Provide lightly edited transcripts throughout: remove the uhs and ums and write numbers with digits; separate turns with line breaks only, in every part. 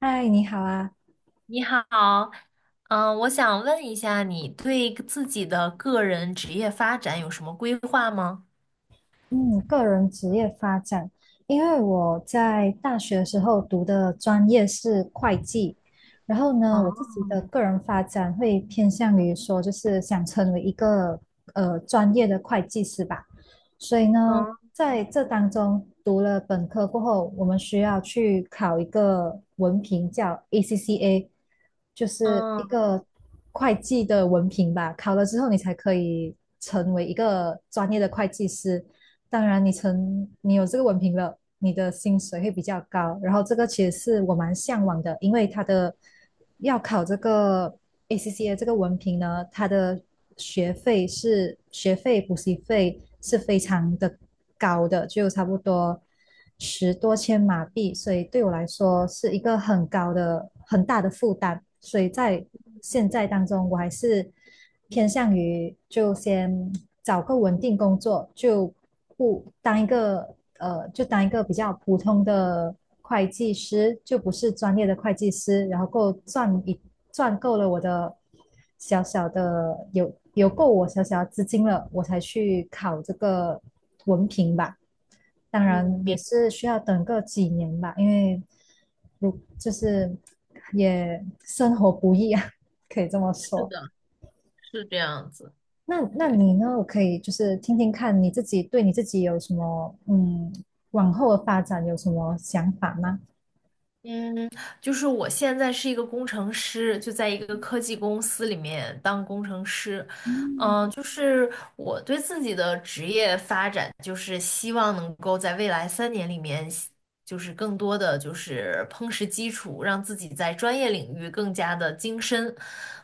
嗨，你好啊！
你好，嗯，我想问一下，你对自己的个人职业发展有什么规划吗？
嗯，个人职业发展，因为我在大学的时候读的专业是会计，然后呢，我自己的
哦，
个人发展会偏向于说，就是想成为一个专业的会计师吧。所以呢，
嗯
在这当中读了本科过后，我们需要去考一个文凭，叫 ACCA，就是
嗯，
一个会计的文凭吧。考了之后，你才可以成为一个专业的会计师。当然你有这个文凭了，你的薪水会比较高。然后这个其实是我蛮向往的，因为它的要考这个 ACCA 这个文凭呢，它的学费补习费是非常的高的，就差不多十多千马币，所以对我来说是一个很高的很大的负担。所以在现在当中，我还是偏向于就先找个稳定工作，就不当一个，就当一个比较普通的会计师，就不是专业的会计师，然后够赚够了我的小小的有够我小小的资金了，我才去考这个文凭吧。当
嗯，
然也是需要等个几年吧，因为就是也生活不易啊，可以这么
是
说。
的，是这样子，
那
对。
你呢？我可以就是听听看你自己对你自己有什么往后的发展有什么想法吗？
嗯，就是我现在是一个工程师，就在一个科技公司里面当工程师。嗯，就是我对自己的职业发展，就是希望能够在未来三年里面，就是更多的就是夯实基础，让自己在专业领域更加的精深。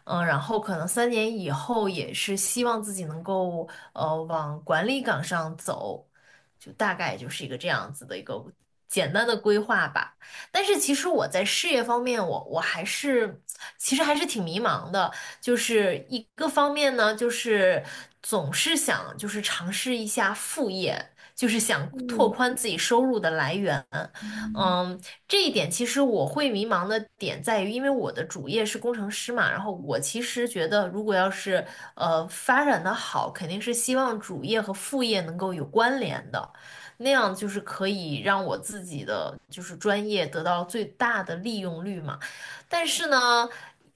嗯，然后可能三年以后也是希望自己能够往管理岗上走，就大概就是一个这样子的一个简单的规划吧。但是其实我在事业方面，我还是其实还是挺迷茫的。就是一个方面呢，就是总是想就是尝试一下副业，就是想拓
嗯，
宽自己收入的来源。嗯，这一点其实我会迷茫的点在于，因为我的主业是工程师嘛，然后我其实觉得，如果要是发展的好，肯定是希望主业和副业能够有关联的。那样就是可以让我自己的就是专业得到最大的利用率嘛。但是呢，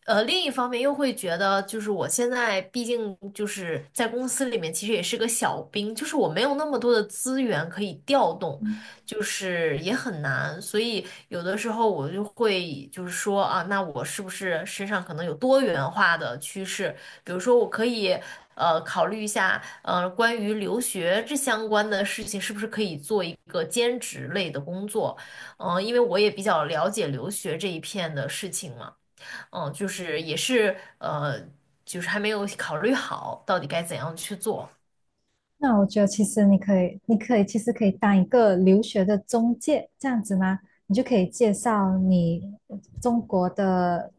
另一方面又会觉得，就是我现在毕竟就是在公司里面，其实也是个小兵，就是我没有那么多的资源可以调动。就是也很难，所以有的时候我就会就是说啊，那我是不是身上可能有多元化的趋势？比如说，我可以考虑一下，关于留学这相关的事情，是不是可以做一个兼职类的工作？嗯、因为我也比较了解留学这一片的事情嘛，嗯、就是也是就是还没有考虑好到底该怎样去做。
那我觉得其实你可以其实可以当一个留学的中介这样子吗？你就可以介绍你中国的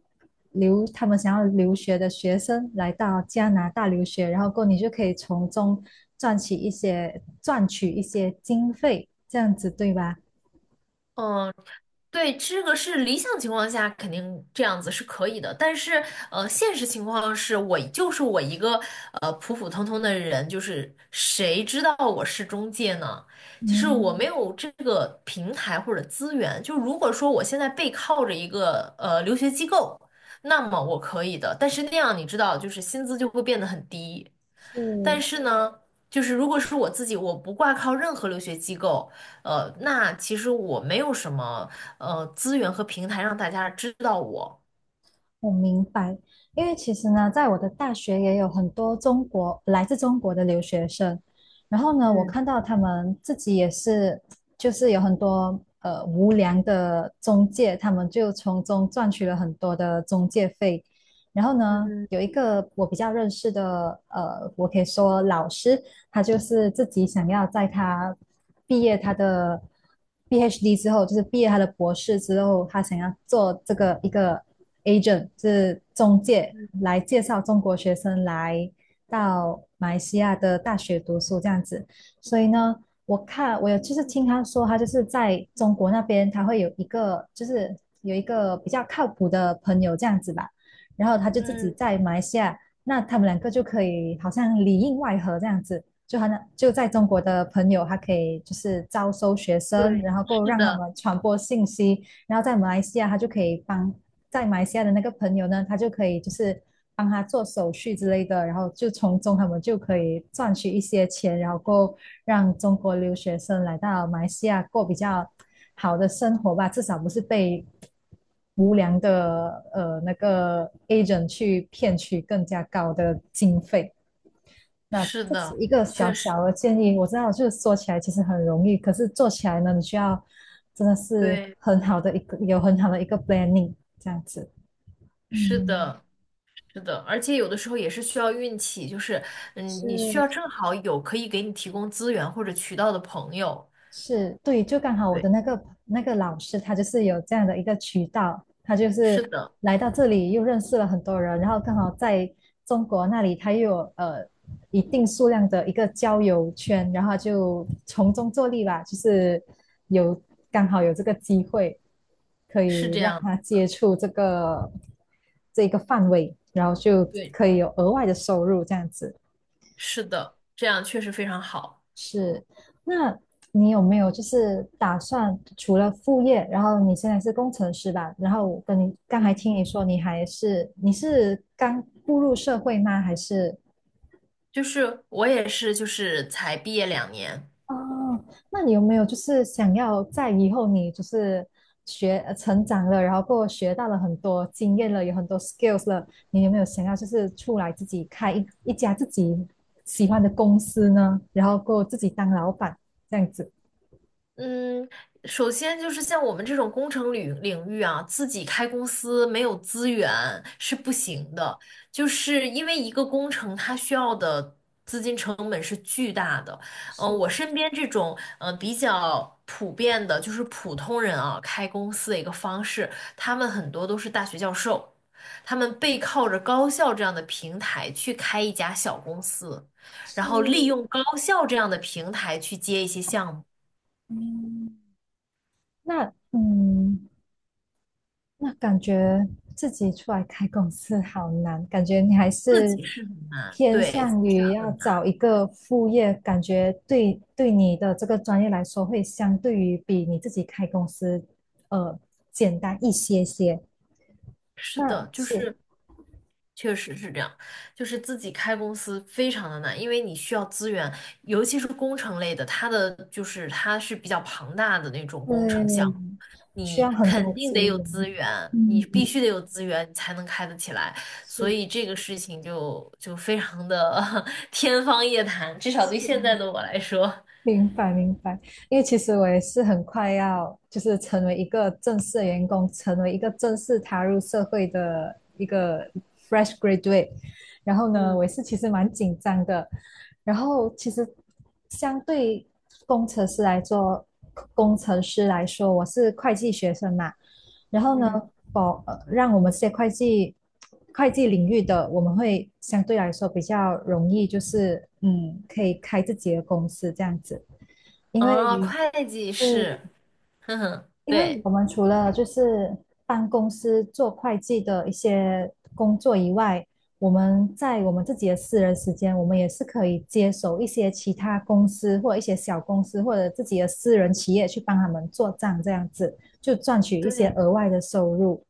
他们想要留学的学生来到加拿大留学，然后过后你就可以从中赚取一些经费，这样子对吧？
嗯。对，这个是理想情况下肯定这样子是可以的，但是现实情况是我就是我一个普普通通的人，就是谁知道我是中介呢？就是我
嗯，
没有这个平台或者资源。就如果说我现在背靠着一个留学机构，那么我可以的，但是那样你知道，就是薪资就会变得很低。
是。
但是呢，就是如果是我自己，我不挂靠任何留学机构，那其实我没有什么资源和平台让大家知道我。
我明白，因为其实呢，在我的大学也有很多来自中国的留学生，然后呢，我
嗯
看到他们自己也是，就是有很多无良的中介，他们就从中赚取了很多的中介费。然后呢，有一个我比较认识的，我可以说老师，他就是自己想要在他毕业他的 PhD 之后，就是毕业他的博士之后，他想要做这个一个 agent 是中介来介绍中国学生来到马来西亚的大学读书这样子。所以呢，我有就是听他说，他就是在中国那边他会有一个就是有一个比较靠谱的朋友这样子吧，然后他就自己
嗯，
在马来西亚，那他们两个就可以好像里应外合这样子。就在中国的朋友，他可以就是招收学生，
对，
然后够
是
让他
的，
们传播信息，然后在马来西亚他就可以帮在马来西亚的那个朋友呢，他就可以就是帮他做手续之类的，然后就从中他们就可以赚取一些钱，然后够让中国留学生来到马来西亚过比较好的生活吧，至少不是被无良的那个 agent 去骗取更加高的经费。那
是
这是
的，
一个小
确实，
小的建议，我知道就是说起来其实很容易，可是做起来呢，你需要真的是
对，
很好的一个 planning 这样子。
是
嗯，
的，是的，而且有的时候也是需要运气，就是嗯，你需
是
要正好有可以给你提供资源或者渠道的朋友。
是，对，就刚好我的
对，
那个老师，他就是有这样的一个渠道，他就
是
是
的，
来到这里又认识了很多人，然后刚好在中国那里他又有一定数量的一个交友圈，然后他就从中作利吧，就是有刚好有这个机会可
是
以
这
让
样，
他接触这一个范围，然后就
对，
可以有额外的收入这样子。
是的，这样确实非常好。
是，那你有没有就是打算除了副业，然后你现在是工程师吧？然后我跟你刚才
嗯。
听你说你是刚步入社会吗？还是
就是我也是，就是才毕业两年，
哦，那你有没有就是想要在以后你就是成长了，然后过后学到了很多经验了，有很多 skills 了，你有没有想要就是出来自己开一家自己喜欢的公司呢？然后过后自己当老板这样子？
嗯，首先就是像我们这种工程领域啊，自己开公司没有资源是不行的，就是因为一个工程它需要的资金成本是巨大的。嗯、
是
我身边这种嗯、比较普遍的，就是普通人啊开公司的一个方式，他们很多都是大学教授，他们背靠着高校这样的平台去开一家小公司，
是，
然后利用高校这样的平台去接一些项目。
嗯，那嗯，那感觉自己出来开公司好难，感觉你还
自
是
己是很难，
偏
对，自
向
己是
于
很
要
难，
找一个副业，感觉对你的这个专业来说，会相对于比你自己开公司，呃，简单一些些。
是
那
的，就
是，
是确实是这样，就是自己开公司非常的难，因为你需要资源，尤其是工程类的，就是它是比较庞大的那种工程项
对，
目，
需
你
要很多
肯定
资
得有
源。
资源，
嗯，
你必须得有资源，你才能开得起来，
是
所以这个事情就非常的 天方夜谭，至少对现
是。
在的我来说，
明白明白，因为其实我也是很快要就是成为一个正式的员工，成为一个正式踏入社会的一个 fresh graduate。然后呢，
嗯
我也是其实蛮紧张的。然后其实相对工程师来做，工程师来说，我是会计学生嘛。然后呢，
嗯，
让我们这些会计领域的，我们会相对来说比较容易，就是可以开自己的公司这样子。因
啊，
为
会计
嗯，
是，哼哼，
因为
对。
我们除了就是帮公司做会计的一些工作以外，我们在我们自己的私人时间，我们也是可以接手一些其他公司或一些小公司或者自己的私人企业去帮他们做账，这样子就赚取一些
对
额外的收入。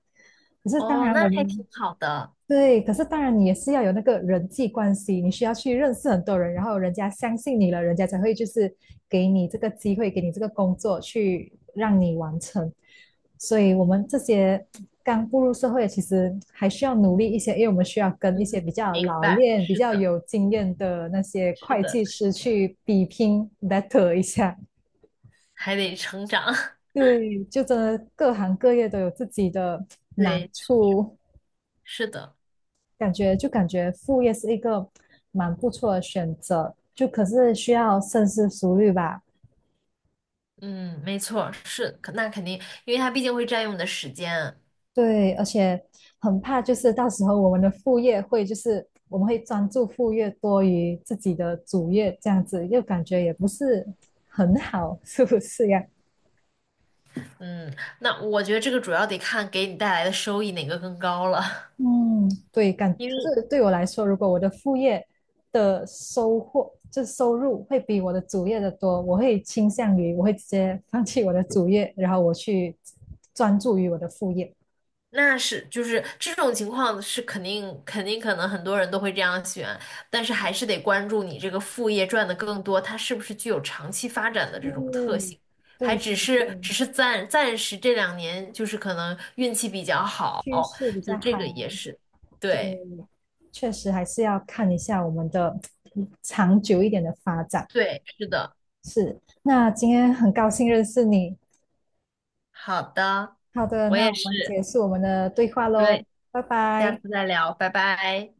可是当
哦，
然，我
那还挺
们
好的。
对，可是当然你也是要有那个人际关系，你需要去认识很多人，然后人家相信你了，人家才会就是给你这个机会，给你这个工作去让你完成。所以我们这些刚步入社会，其实还需要努力一些，因为我们需要跟一
嗯，
些比较
明
老
白，
练、比
是
较
的，
有经验的那些
是
会
的，
计
是
师
的，
去比拼 battle 一下。
还得成长。
对，就真的各行各业都有自己的难
对，
处。
是的，
感觉副业是一个蛮不错的选择，就可是需要深思熟虑吧。
嗯，没错，是，可那肯定，因为它毕竟会占用你的时间。
对，而且很怕就是到时候我们的副业会就是我们会专注副业多于自己的主业这样子，又感觉也不是很好，是不是呀？
嗯，那我觉得这个主要得看给你带来的收益哪个更高了，
嗯，对，
因
可
为
是对我来说，如果我的副业的收获，就收入会比我的主业的多，我会倾向于我会直接放弃我的主业，然后我去专注于我的副业。
那是就是这种情况是肯定可能很多人都会这样选，但是还是得关注你这个副业赚的更多，它是不是具有长期发展的这种特
嗯，
性，还
对
只
对
是
对。
只是暂时这两年就是可能运气比较好，
趋势比
就
较
是这
好。
个也是，
对，
对
确实还是要看一下我们的长久一点的发展。
对，是的，
是，那今天很高兴认识你。
好的，
好的，
我
那
也
我们
是，
结束我们的对话喽，
对，
拜
下
拜。
次再聊，拜拜。